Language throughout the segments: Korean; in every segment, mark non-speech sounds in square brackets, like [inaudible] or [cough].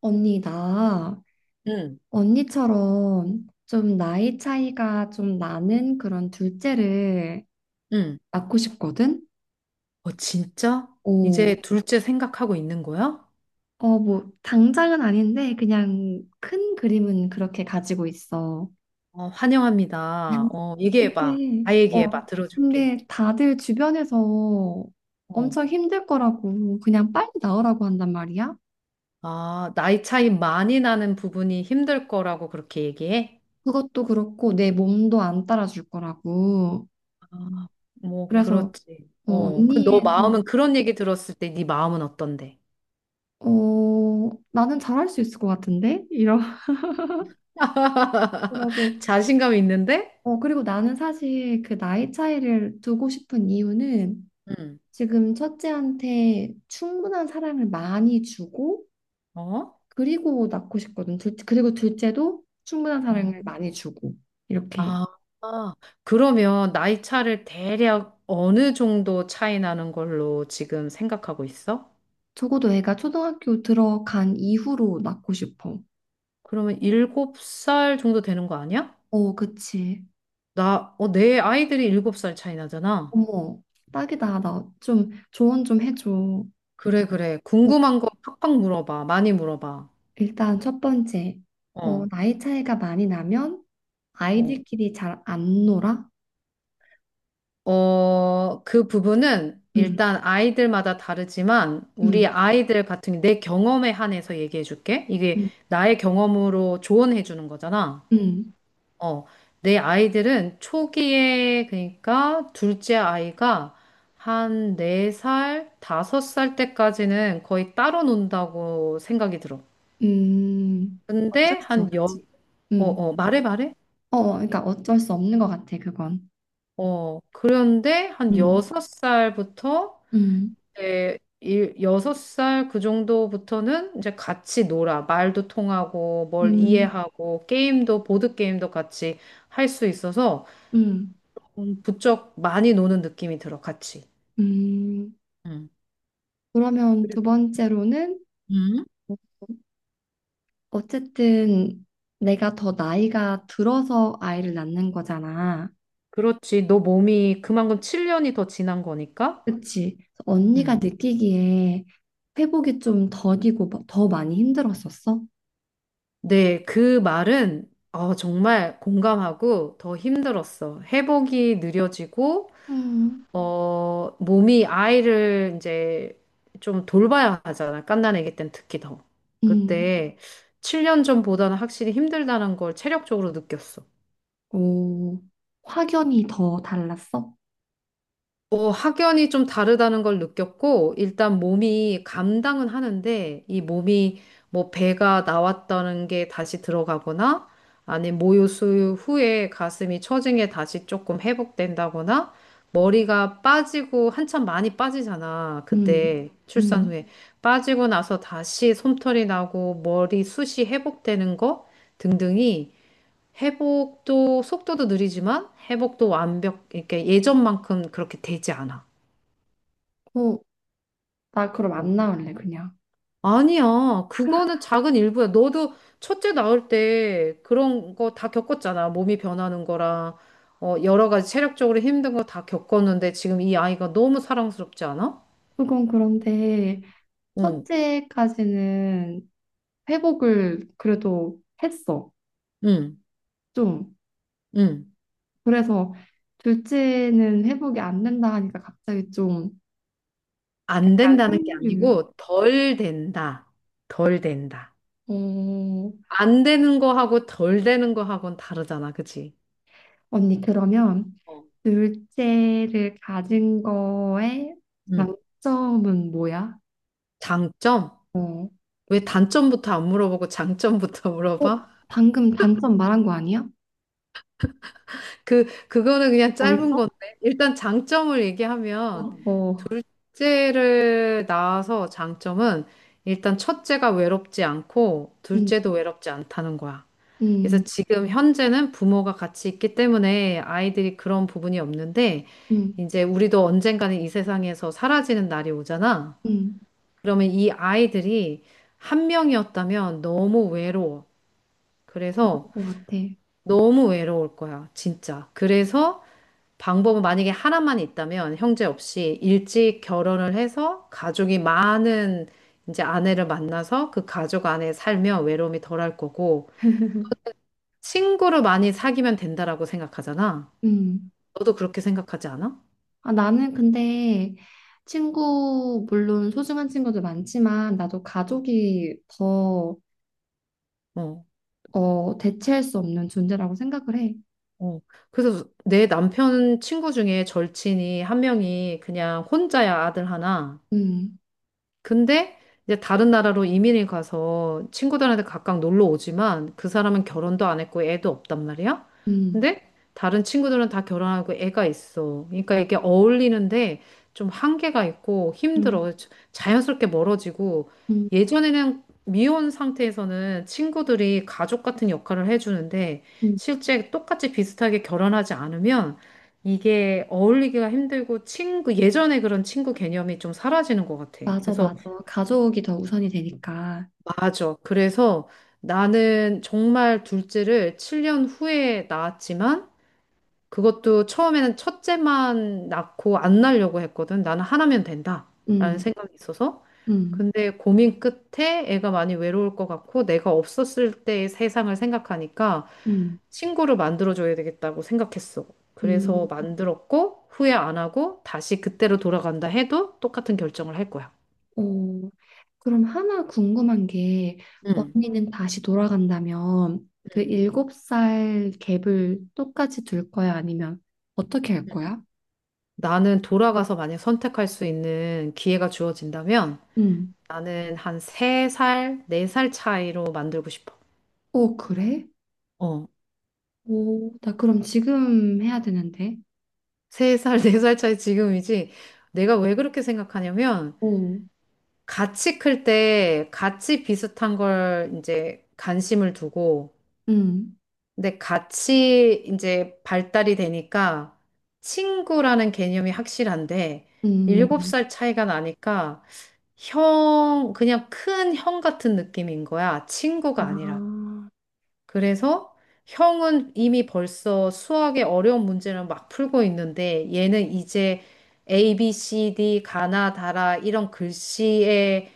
언니, 나 응, 언니처럼 좀 나이 차이가 좀 나는 그런 둘째를 응. 낳고 싶거든? 어, 진짜? 이제 오, 둘째 생각하고 있는 거야? 어, 뭐, 당장은 아닌데, 그냥 큰 그림은 그렇게 가지고 있어. 어, 환영합니다. 어, 얘기해봐. 근데, 다 어, 얘기해봐. 들어줄게. 근데 다들 주변에서 어. 엄청 힘들 거라고, 그냥 빨리 나으라고 한단 말이야? 아, 나이 차이 많이 나는 부분이 힘들 거라고 그렇게 얘기해? 그것도 그렇고, 내 몸도 안 따라줄 거라고. 아, 뭐, 그래서, 그렇지. 어, 어, 그 너 언니의 좀 마음은 그런 얘기 들었을 때 네 마음은 어떤데? 어, 나는 잘할 수 있을 것 같은데? [laughs] 그러고, [laughs] 자신감 있는데? 어, 그리고 나는 사실 그 나이 차이를 두고 싶은 이유는 응. 지금 첫째한테 충분한 사랑을 많이 주고, 어? 그리고 낳고 싶거든. 그리고 둘째도 충분한 어? 사랑을 많이 주고, 이렇게. 아, 아. 그러면 나이 차를 대략 어느 정도 차이 나는 걸로 지금 생각하고 있어? 적어도 애가 초등학교 들어간 이후로 낳고 싶어. 그러면 일곱 살 정도 되는 거 아니야? 어, 그치. 나, 어, 내 아이들이 일곱 살 차이 나잖아. 어머, 딱이다. 나 좀 조언 좀 해줘. 어. 그래, 그래. 궁금한 거 팍팍 물어봐. 많이 물어봐. 일단 첫 번째, 어, 어, 나이 차이가 많이 나면 어. 아이들끼리 잘 안 놀아? 어, 그 부분은 음, 일단 아이들마다 다르지만 우리 음, 아이들 같은 내 경험에 한해서 얘기해 줄게. 이게 음, 나의 경험으로 조언해 주는 거잖아. 음, 어, 내 아이들은 초기에, 그러니까 둘째 아이가 한 네살 다섯 살 때까지는 거의 따로 논다고 생각이 들어. 음. 어쩔 근데 수 한 여, 없지. 어, 음, 어, 말해, 말해. 어, 어, 그러니까 어쩔 수 없는 것 같아, 그건. 어, 그런데 한 음, 여섯 살부터 음, 이제 여섯 살 그 정도부터는 이제 같이 놀아. 말도 통하고, 뭘 음, 이해하고, 게임도, 보드게임도 같이 할 수 있어서 음, 부쩍 많이 노는 느낌이 들어, 같이. 음. 음. 그러면 그리- 두 번째로는 음. 어쨌든 내가 더 나이가 들어서 아이를 낳는 거잖아. 그렇지. 너 몸이 그만큼 7년이 더 지난 거니까. 그치. 그래서 언니가 음. 느끼기에 회복이 좀 더디고 더 많이 힘들었었어? 네, 그 말은 어, 정말 공감하고 더 힘들었어. 회복이 느려지고, 음. 어, 몸이 아이를 이제 좀 돌봐야 하잖아. 갓난아기 땐 특히 더. 음, 그때 7년 전보다는 확실히 힘들다는 걸 체력적으로 느꼈어. 오, 확연히 더 달랐어? 어, 확연히 좀 다르다는 걸 느꼈고, 일단 몸이 감당은 하는데, 이 몸이 뭐 배가 나왔다는 게 다시 들어가거나, 아니, 모유수유 후에 가슴이 처진게 다시 조금 회복된다거나, 머리가 빠지고, 한참 많이 빠지잖아. 음, 그때 출산 음, 후에. 빠지고 나서 다시 솜털이 나고, 머리 숱이 회복되는 거 등등이 회복도 속도도 느리지만 회복도 완벽, 이렇게 예전만큼 그렇게 되지 않아. 오, 나 그럼 어. 안 나올래, 그냥. 아니야. 그거는 작은 일부야. 너도 첫째 나올 때 그런 거 다 겪었잖아. 몸이 변하는 거랑 어, 여러 가지 체력적으로 힘든 거 다 겪었는데 지금 이 아이가 너무 사랑스럽지 않아? 그건 그런데 응, 첫째까지는 회복을 그래도 했어, 응, 좀. 응. 그래서 둘째는 회복이 안 된다 하니까 갑자기 좀 안 약간 된다는 게 흥류. 아니고 덜 된다. 덜 된다. 어, 안 되는 거하고 덜 되는 거하고는 다르잖아. 그치? 언니, 그러면 어. 둘째를 가진 거에 응. 장점은 뭐야? 장점? 어, 왜 단점부터 안 물어보고 장점부터 [laughs] 어, 물어봐? 방금 단점 말한 거 아니야? 그, 그거는 그냥 더 짧은 있어? 건데. 일단 장점을 얘기하면, 어. 둘째를 낳아서 장점은 일단 첫째가 외롭지 않고, 응. 둘째도 외롭지 않다는 거야. 그래서 음, 지금 현재는 부모가 같이 있기 때문에 아이들이 그런 부분이 없는데, 음, 이제 우리도 언젠가는 이 세상에서 사라지는 날이 오잖아. 음, 음, 그러면 이 아이들이 한 명이었다면 너무 외로워. 그럴 그래서 것 같아. 너무 외로울 거야, 진짜. 그래서 방법은 만약에 하나만 있다면 형제 없이 일찍 결혼을 해서 가족이 많은 이제 아내를 만나서 그 가족 안에 살면 외로움이 덜할 거고 친구를 많이 사귀면 된다라고 생각하잖아. 음. 너도 그렇게 생각하지 않아? 아, 나는 근데 친구, 물론 소중한 친구도 많지만, 나도 가족이 더, 어. 어, 대체할 수 없는 존재라고 생각을 해. 어. 그래서 내 남편 친구 중에 절친이 한 명이 그냥 혼자야 아들 하나. 음, 근데 이제 다른 나라로 이민을 가서 친구들한테 각각 놀러 오지만 그 사람은 결혼도 안 했고 애도 없단 말이야. 음, 근데 다른 친구들은 다 결혼하고 애가 있어. 그러니까 이게 어울리는데 좀 한계가 있고 음. 힘들어. 자연스럽게 멀어지고 음, 예전에는 미혼 상태에서는 친구들이 가족 같은 역할을 해주는데 음. 실제 똑같이 비슷하게 결혼하지 않으면 이게 어울리기가 힘들고 친구, 예전에 그런 친구 개념이 좀 사라지는 것 같아. 맞아, 그래서 맞아. 가족이 더 우선이 되니까. 맞아. 그래서 나는 정말 둘째를 7년 후에 낳았지만 그것도 처음에는 첫째만 낳고 안 낳으려고 했거든. 나는 하나면 된다. 라는 음. 생각이 있어서. 음, 근데 고민 끝에 애가 많이 외로울 것 같고 내가 없었을 때의 세상을 생각하니까 음, 친구를 만들어줘야 되겠다고 생각했어. 음, 그래서 만들었고 후회 안 하고 다시 그때로 돌아간다 해도 똑같은 결정을 할 거야. 어, 그럼 하나 궁금한 게, 응. 언니는 다시 돌아간다면 그 응. 7살 갭을 똑같이 둘 거야? 아니면 어떻게 할 거야? 나는 돌아가서 만약 선택할 수 있는 기회가 주어진다면 음, 나는 한 3살, 4살 차이로 만들고 싶어. 오, 그래? 어, 오, 나 그럼 지금 해야 되는데. 3살, 4살 차이 지금이지. 내가 왜 그렇게 생각하냐면 오, 같이 클 때 같이 비슷한 걸 이제 관심을 두고 음, 근데 같이 이제 발달이 되니까 친구라는 개념이 확실한데 음, 7살 차이가 나니까 형, 그냥 큰 형 같은 느낌인 거야. 아, 친구가 아니라. 그래서 형은 이미 벌써 수학의 어려운 문제를 막 풀고 있는데 얘는 이제 A, B, C, D, 가나, 다라 이런 글씨의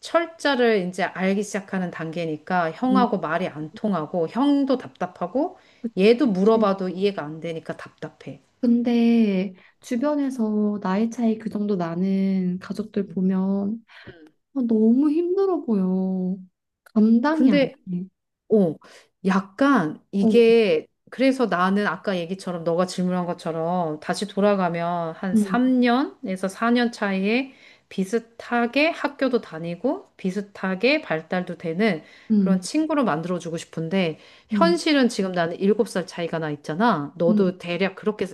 철자를 이제 알기 시작하는 단계니까 음, 형하고 말이 안 통하고 형도 답답하고 얘도 그치. 물어봐도 이해가 안 되니까 답답해. 근데 주변에서 나이 차이 그 정도 나는 가족들 보면 아, 너무 힘들어 보여. 감당이 안 근데 돼. 어, 약간 어, 이게 그래서 나는 아까 얘기처럼 너가 질문한 것처럼 다시 돌아가면 한 응, 3년에서 4년 차이에 비슷하게 학교도 다니고 비슷하게 발달도 되는 그런 응, 친구로 만들어주고 싶은데 응, 현실은 지금 나는 7살 차이가 나 있잖아. 응, 너도 대략 그렇게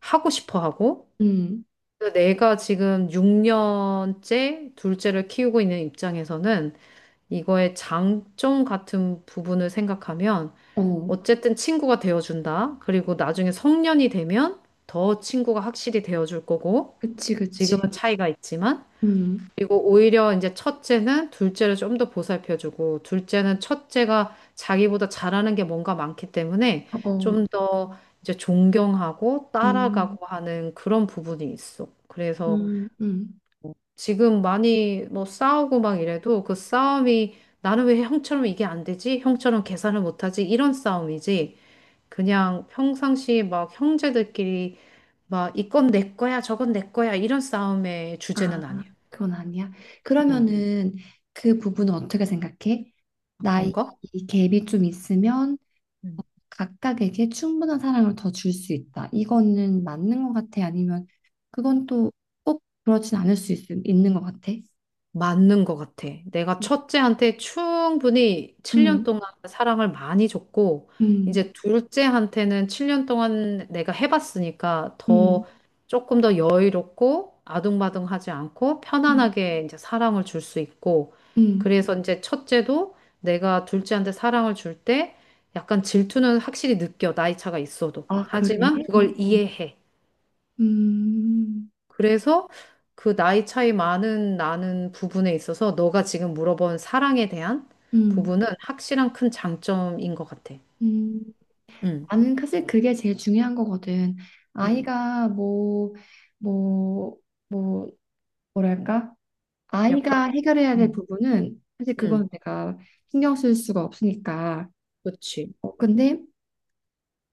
하고 싶어 하고 응. 그래서 내가 지금 6년째 둘째를 키우고 있는 입장에서는 이거의 장점 같은 부분을 생각하면 어, 어쨌든 친구가 되어준다. 그리고 나중에 성년이 되면 더 친구가 확실히 되어줄 거고, 그치, 그치. 지금은 차이가 있지만, 응, 그리고 오히려 이제 첫째는 둘째를 좀 더 보살펴주고, 둘째는 첫째가 자기보다 잘하는 게 뭔가 많기 때문에 어, 좀 더 이제 존경하고 응, 따라가고 하는 그런 부분이 있어. 그래서 응, 응. 지금 많이 뭐 싸우고 막 이래도 그 싸움이 나는 왜 형처럼 이게 안 되지? 형처럼 계산을 못하지? 이런 싸움이지. 그냥 평상시 막 형제들끼리 막 이건 내 거야, 저건 내 거야 이런 싸움의 아, 주제는 아니야. 그건 아니야. 음, 그러면은 그 부분은 어떻게 생각해? 나이 어떤가? 갭이 좀 있으면 응. 각각에게 충분한 사랑을 더 줄 수 있다. 이거는 맞는 것 같아? 아니면 그건 또 꼭 그렇진 않을 수 있는 것 같아? 맞는 것 같아. 내가 첫째한테 충분히 7년 응, 동안 사랑을 많이 줬고, 응. 이제 둘째한테는 7년 동안 내가 해봤으니까 음, 더 조금 더 여유롭고 아둥바둥하지 않고 음, 편안하게 이제 사랑을 줄 수 있고, 음. 그래서 이제 첫째도 내가 둘째한테 사랑을 줄 때 약간 질투는 확실히 느껴, 나이 차가 있어도. 아, 그래? 하지만 그걸 어, 이해해. 음, 그래서 그 나이 차이 많은 나는 부분에 있어서 너가 지금 물어본 사랑에 대한 음, 부분은 확실한 큰 장점인 것 같아. 음. 응, 나는 사실 그게 제일 중요한 거거든. 응. 아이가 뭐, 뭐, 뭐, 뭐랄까? 약간, 아이가 해결해야 될 응, 부분은 사실 응. 그건 내가 신경 쓸 수가 없으니까. 그치. 어, 근데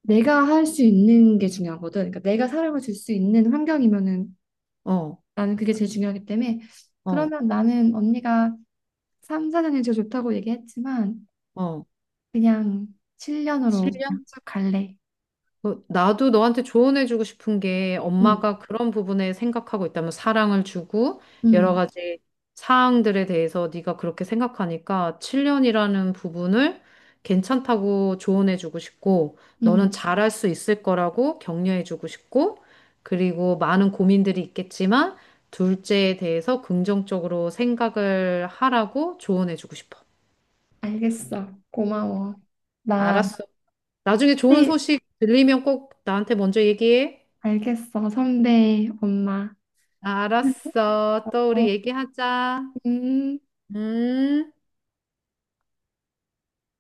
내가 할 수 있는 게 중요하거든. 그러니까 내가 사랑을 줄 수 있는 환경이면은 어, 나는 그게 제일 중요하기 때문에 어, 그러면 나는 언니가 3, 4년이 제일 좋다고 얘기했지만 어. 그냥 7년으로 칠년 쭉 갈래. 어, 나도 너한테 조언해주고 싶은 게 응, 엄마가 그런 부분에 생각하고 있다면 사랑을 주고 여러 응, 가지 사항들에 대해서 네가 그렇게 생각하니까 7년이라는 부분을 괜찮다고 조언해주고 싶고 응. 너는 잘할 수 있을 거라고 격려해주고 싶고 그리고 많은 고민들이 있겠지만 둘째에 대해서 긍정적으로 생각을 하라고 조언해주고 싶어. 알겠어. 고마워. 나, 알았어. 나중에 좋은 네, 소식 들리면 꼭 나한테 먼저 얘기해. 알겠어. 선배, 엄마. 알았어. 또 어, 우리 얘기하자. 음. 음.